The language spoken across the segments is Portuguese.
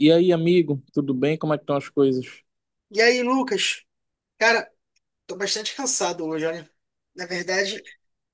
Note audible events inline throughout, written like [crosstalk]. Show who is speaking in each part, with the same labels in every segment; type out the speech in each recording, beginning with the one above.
Speaker 1: E aí, amigo, tudo bem? Como é que estão as coisas?
Speaker 2: E aí, Lucas? Cara, tô bastante cansado hoje, olha. Na verdade,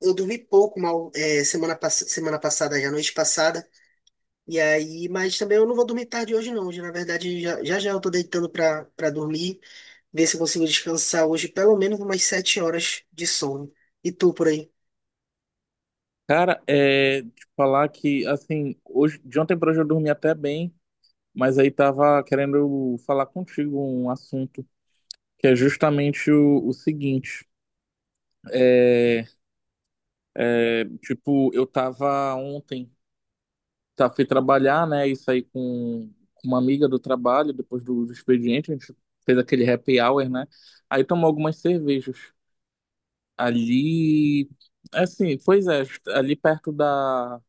Speaker 2: eu dormi pouco mal semana passada, já noite passada. E aí, mas também eu não vou dormir tarde hoje, não. Hoje, na verdade, já eu tô deitando pra dormir, ver se eu consigo descansar hoje pelo menos umas 7 horas de sono. E tu por aí?
Speaker 1: Cara, é te falar que assim, hoje, de ontem para hoje eu dormi até bem, mas aí tava querendo falar contigo um assunto que é justamente o seguinte. É, tipo, eu tava ontem, tá, fui trabalhar, né? E saí com uma amiga do trabalho, depois do expediente, a gente fez aquele happy hour, né? Aí tomou algumas cervejas. Ali, assim, pois é, ali perto da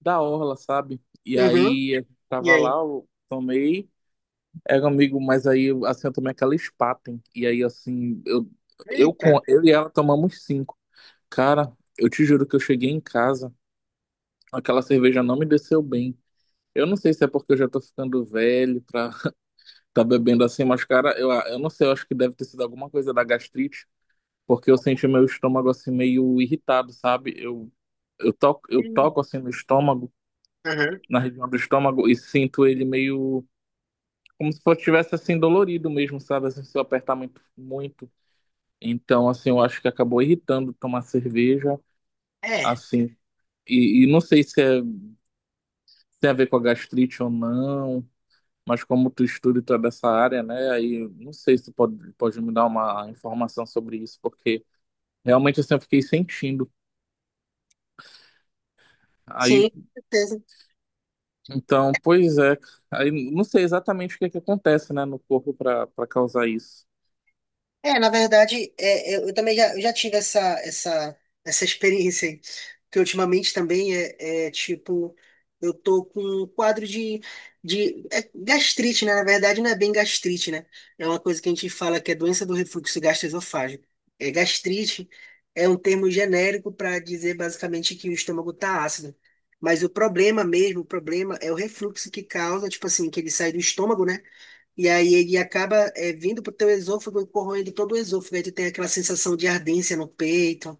Speaker 1: orla, sabe? E
Speaker 2: Uhum.
Speaker 1: aí eu
Speaker 2: E
Speaker 1: tava lá,
Speaker 2: aí?
Speaker 1: eu tomei, era um amigo, mas aí assim eu tomei aquela Spaten. E aí assim,
Speaker 2: Eita.
Speaker 1: eu e ela tomamos cinco. Cara, eu te juro que eu cheguei em casa, aquela cerveja não me desceu bem. Eu não sei se é porque eu já tô ficando velho pra [laughs] tá bebendo assim, mas cara, eu não sei, eu acho que deve ter sido alguma coisa da gastrite, porque eu senti meu estômago assim meio irritado, sabe? Eu
Speaker 2: Hum.
Speaker 1: toco assim no estômago,
Speaker 2: Aham.
Speaker 1: na região do estômago, e sinto ele meio como se fosse tivesse assim dolorido mesmo, sabe? Assim, se eu apertar muito, muito. Então, assim, eu acho que acabou irritando tomar cerveja,
Speaker 2: É,
Speaker 1: assim. Não sei se é, tem a ver com a gastrite ou não, mas como tu estuda e tu é dessa área, né? Aí eu não sei se tu pode me dar uma informação sobre isso, porque realmente assim, eu fiquei sentindo. Aí,
Speaker 2: sim, com certeza.
Speaker 1: então, pois é. Aí não sei exatamente o que é que acontece, né, no corpo para causar isso.
Speaker 2: É, na verdade, eu também já, eu já tive essa experiência aí, que ultimamente também tipo, eu tô com um quadro de gastrite, né? Na verdade, não é bem gastrite, né? É uma coisa que a gente fala que é doença do refluxo gastroesofágico. É, gastrite é um termo genérico para dizer basicamente que o estômago tá ácido. Mas o problema mesmo, o problema é o refluxo que causa, tipo assim, que ele sai do estômago, né? E aí ele acaba vindo para o teu esôfago e corroendo todo o esôfago. Aí tu tem aquela sensação de ardência no peito.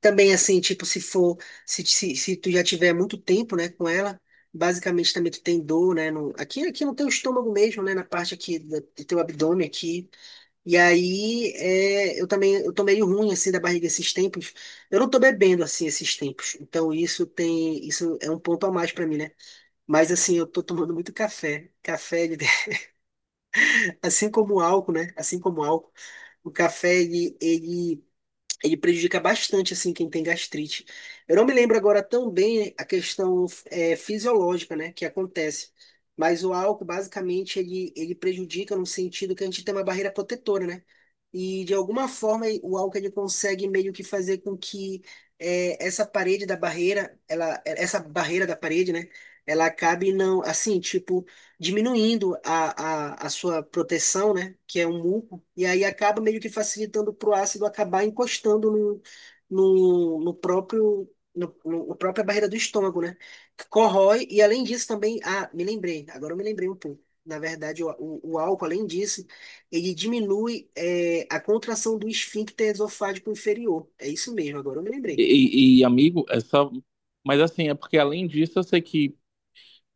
Speaker 2: Também assim, tipo, se tu já tiver muito tempo, né, com ela, basicamente também tu tem dor, né, aqui no teu estômago mesmo, né, na parte aqui do teu abdômen aqui. E aí eu também, eu tô meio ruim, assim, da barriga esses tempos. Eu não tô bebendo, assim, esses tempos. Então isso é um ponto a mais para mim, né? Mas assim, eu tô tomando muito café. Café, ele assim como o álcool, né? Assim como o álcool, o café ele prejudica bastante assim quem tem gastrite. Eu não me lembro agora tão bem a questão é fisiológica, né, que acontece. Mas o álcool, basicamente, ele prejudica no sentido que a gente tem uma barreira protetora, né? E, de alguma forma, o álcool ele consegue meio que fazer com que essa parede da barreira, essa barreira da parede, né? Ela acabe não, assim, tipo, diminuindo a sua proteção, né? Que é um muco e aí acaba meio que facilitando para o ácido acabar encostando no, no, no próprio no, no- na própria barreira do estômago, né? Que corrói e além disso também, ah, me lembrei, agora eu me lembrei um pouco. Na verdade, o álcool, além disso, ele diminui a contração do esfíncter esofágico inferior. É isso mesmo, agora eu me lembrei.
Speaker 1: Amigo, é só. Mas assim, é porque além disso, eu sei que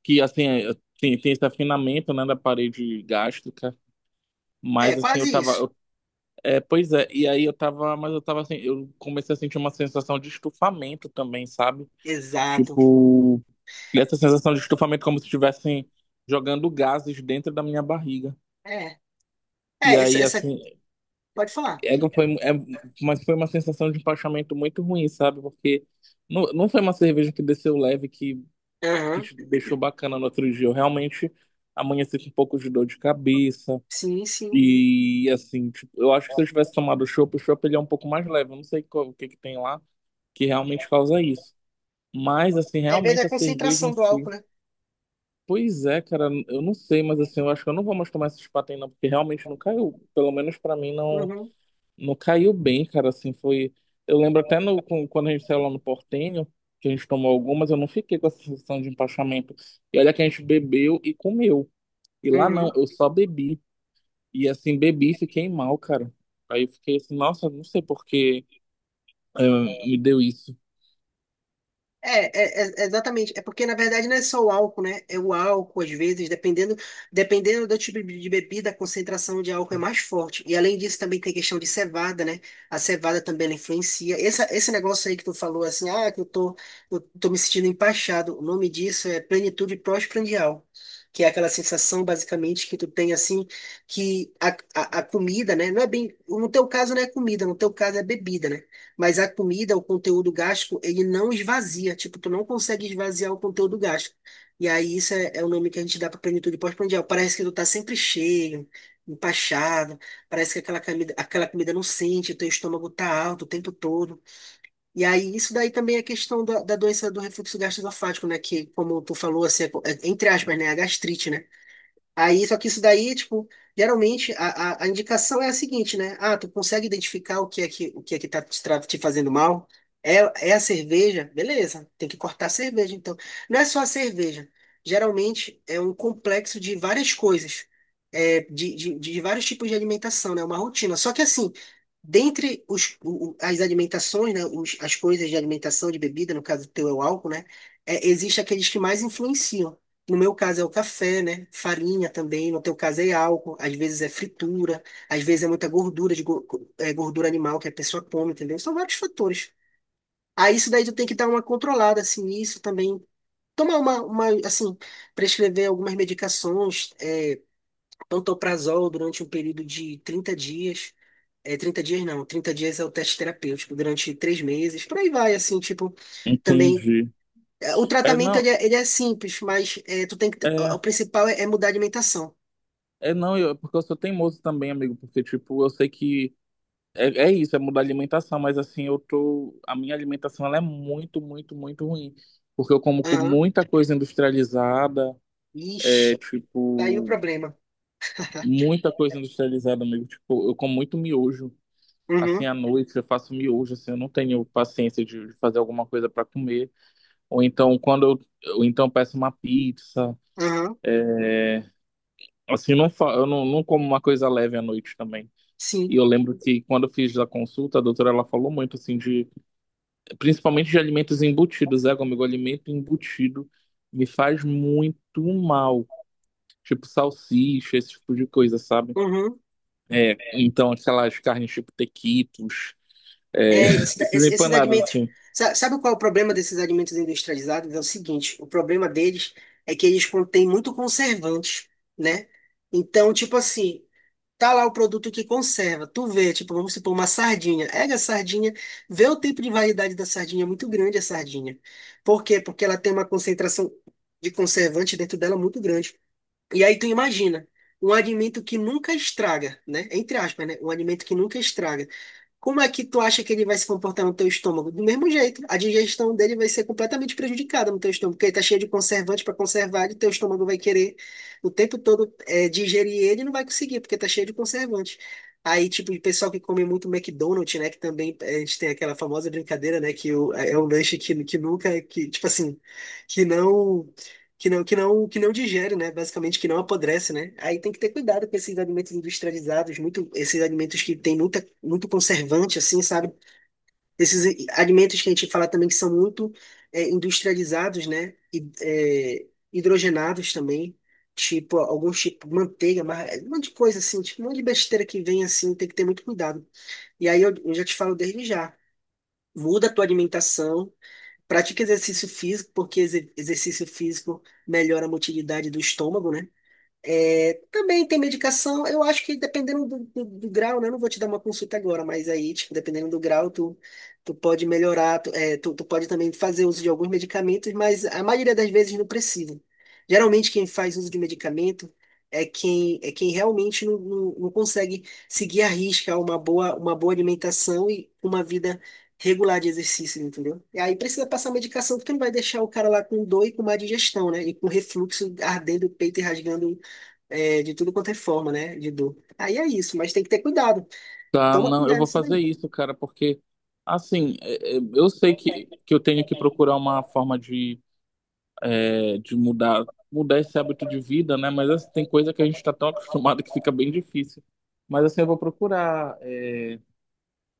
Speaker 1: que assim é, tem, tem esse afinamento, né, da parede gástrica,
Speaker 2: É,
Speaker 1: mas assim
Speaker 2: quase isso.
Speaker 1: é, pois é, e aí eu tava, mas eu tava assim, eu comecei a sentir uma sensação de estufamento também, sabe?
Speaker 2: Exato.
Speaker 1: Tipo, essa sensação de estufamento como se estivessem jogando gases dentro da minha barriga.
Speaker 2: É,
Speaker 1: E
Speaker 2: é, essa,
Speaker 1: aí
Speaker 2: essa
Speaker 1: assim,
Speaker 2: Pode falar.
Speaker 1: é, que foi, é, mas foi uma sensação de empachamento muito ruim, sabe? Porque não foi uma cerveja que desceu leve que
Speaker 2: Aham.
Speaker 1: te deixou bacana no outro dia. Eu realmente amanheci com um pouco de dor de cabeça.
Speaker 2: Sim, sim.
Speaker 1: E assim, tipo, eu acho que se eu tivesse tomado chopp, o chopp ele é um pouco mais leve. Eu não sei o que que tem lá que realmente causa isso. Mas assim,
Speaker 2: Aí vem
Speaker 1: realmente
Speaker 2: da
Speaker 1: a cerveja em
Speaker 2: concentração do
Speaker 1: si.
Speaker 2: álcool, né?
Speaker 1: Pois é, cara, eu não sei, mas assim, eu acho que eu não vou mais tomar esses patins não, porque realmente não caiu. Pelo menos pra mim
Speaker 2: Uhum.
Speaker 1: não caiu bem, cara, assim, foi eu lembro até no com- quando a gente saiu lá no Portenho, que a gente tomou algumas, eu não fiquei com essa sensação de empachamento. E olha que a gente bebeu e comeu. E lá não,
Speaker 2: Uhum.
Speaker 1: eu só bebi. E assim, bebi e fiquei mal, cara. Aí eu fiquei assim, nossa, não sei por que eh, me deu isso.
Speaker 2: Exatamente. É porque, na verdade, não é só o álcool, né? É o álcool, às vezes, dependendo do tipo de bebida, a concentração de álcool é mais forte. E, além disso, também tem a questão de cevada, né? A cevada também ela influencia. Esse negócio aí que tu falou, assim, ah, que eu tô me sentindo empachado. O nome disso é plenitude pós-prandial, que é aquela sensação, basicamente, que tu tem, assim, que a comida, né? Não é bem. No teu caso, não é comida, no teu caso é bebida, né? Mas a comida, o conteúdo gástrico, ele não esvazia. Tipo, tu não consegue esvaziar o conteúdo gástrico. E aí, isso é o nome que a gente dá para plenitude pós-prandial. Parece que tu tá sempre cheio, empachado. Parece que aquela comida não sente, o teu estômago tá alto o tempo todo. E aí, isso daí também é questão da doença do refluxo gastroesofágico, né? Que, como tu falou, assim, entre aspas, né? É a gastrite, né? Aí, só que isso daí, tipo, geralmente a indicação é a seguinte, né? Ah, tu consegue identificar o que é que tá te fazendo mal? É, a cerveja? Beleza, tem que cortar a cerveja, então. Não é só a cerveja. Geralmente é um complexo de várias coisas, de vários tipos de alimentação, né? É uma rotina. Só que assim, dentre as alimentações, né? As coisas de alimentação, de bebida, no caso do teu é o álcool, né? É, existe aqueles que mais influenciam. No meu caso é o café, né? Farinha também. No teu caso é álcool. Às vezes é fritura. Às vezes é muita gordura, gordura animal que a pessoa come, entendeu? São vários fatores. Aí isso daí tu tem que dar uma controlada, assim, isso também. Tomar uma, assim, prescrever algumas medicações, pantoprazol durante um período de 30 dias. É, 30 dias não, 30 dias é o teste terapêutico, durante 3 meses, por aí vai, assim, tipo, também.
Speaker 1: Entendi.
Speaker 2: O
Speaker 1: É
Speaker 2: tratamento
Speaker 1: não,
Speaker 2: ele é simples, mas tu tem que.
Speaker 1: é,
Speaker 2: O principal é mudar a alimentação.
Speaker 1: não, eu, porque eu sou teimoso também, amigo, porque tipo, eu sei que É, é isso, é mudar a alimentação, mas assim, eu tô. A minha alimentação ela é muito, muito, muito ruim. Porque eu como com
Speaker 2: Aham.
Speaker 1: muita coisa industrializada, é
Speaker 2: Ixi, tá aí o
Speaker 1: tipo,
Speaker 2: problema.
Speaker 1: muita coisa industrializada mesmo. Tipo, eu como muito miojo. Assim,
Speaker 2: Uhum,
Speaker 1: à noite eu faço miojo, assim, eu não tenho paciência de fazer alguma coisa para comer. Ou então, ou então eu peço uma pizza.
Speaker 2: aham,
Speaker 1: Assim, eu não como uma coisa leve à noite também.
Speaker 2: sim,
Speaker 1: E eu lembro que quando eu fiz a consulta, a doutora ela falou muito assim de principalmente de alimentos embutidos, né, amigo? Alimento embutido me faz muito mal, tipo salsicha, esse tipo de coisa, sabe?
Speaker 2: uhum.
Speaker 1: É, então aquelas carnes tipo tequitos, é,
Speaker 2: É,
Speaker 1: [laughs] esses
Speaker 2: esses
Speaker 1: empanados
Speaker 2: alimentos.
Speaker 1: assim.
Speaker 2: Sabe qual é o problema desses alimentos industrializados? É o seguinte: o problema deles é que eles contêm muito conservante, né? Então, tipo assim, tá lá o produto que conserva. Tu vê, tipo, vamos supor, uma sardinha. Pega a sardinha, vê o tempo de validade da sardinha, é muito grande a sardinha. Por quê? Porque ela tem uma concentração de conservante dentro dela muito grande. E aí tu imagina, um alimento que nunca estraga, né? Entre aspas, né? Um alimento que nunca estraga. Como é que tu acha que ele vai se comportar no teu estômago? Do mesmo jeito, a digestão dele vai ser completamente prejudicada no teu estômago, porque ele tá cheio de conservante para conservar, e teu estômago vai querer o tempo todo digerir ele e não vai conseguir, porque tá cheio de conservante. Aí, tipo, o pessoal que come muito McDonald's, né? Que também a gente tem aquela famosa brincadeira, né? É um lanche que nunca, que, tipo assim, que não que não digere, né? Basicamente que não apodrece, né? Aí tem que ter cuidado com esses alimentos industrializados, muito esses alimentos que tem muito conservante, assim, sabe? Esses alimentos que a gente fala também que são muito industrializados, né? E, hidrogenados também, tipo alguns tipo manteiga, mas é um monte de coisa assim, tipo um monte de besteira que vem assim, tem que ter muito cuidado. E aí eu já te falo desde já. Muda a tua alimentação. Pratique exercício físico, porque exercício físico melhora a motilidade do estômago, né? É, também tem medicação, eu acho que dependendo do grau, né? Eu não vou te dar uma consulta agora, mas aí, tipo, dependendo do grau, tu pode melhorar, tu pode também fazer uso de alguns medicamentos, mas a maioria das vezes não precisa. Geralmente quem faz uso de medicamento é quem realmente não consegue seguir à risca uma boa alimentação e uma vida regular de exercício, entendeu? E aí precisa passar medicação, porque não vai deixar o cara lá com dor e com má digestão, né? E com refluxo ardendo o peito e rasgando de tudo quanto é forma, né? De dor. Aí é isso, mas tem que ter cuidado.
Speaker 1: Tá,
Speaker 2: Toma
Speaker 1: não, eu
Speaker 2: cuidado
Speaker 1: vou
Speaker 2: nisso daí.
Speaker 1: fazer isso, cara, porque assim, eu sei que eu tenho que procurar uma forma de, é, de mudar esse hábito de vida, né? Mas assim, tem coisa que a gente está tão acostumado que fica bem difícil. Mas assim, eu vou procurar é,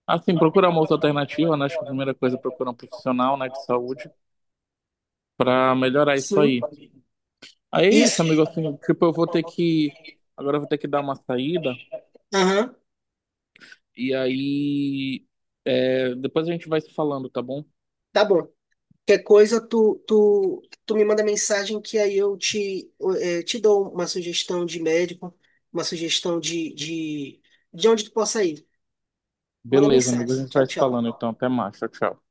Speaker 1: assim, procurar uma outra alternativa, né? Acho que a primeira coisa é procurar um profissional, né, de saúde para melhorar isso
Speaker 2: Sim,
Speaker 1: aí. Aí é isso, amigo,
Speaker 2: isso.
Speaker 1: assim, tipo, eu vou ter que agora eu vou ter que dar uma saída
Speaker 2: Aham,
Speaker 1: e aí é, depois a gente vai se falando, tá bom?
Speaker 2: tá bom. Qualquer coisa, tu me manda mensagem que aí eu te dou uma sugestão de médico, uma sugestão de onde tu possa ir. Manda
Speaker 1: Beleza, amigo,
Speaker 2: mensagem.
Speaker 1: a gente
Speaker 2: Tchau,
Speaker 1: vai se falando
Speaker 2: tchau.
Speaker 1: então. Até mais, tchau, tchau.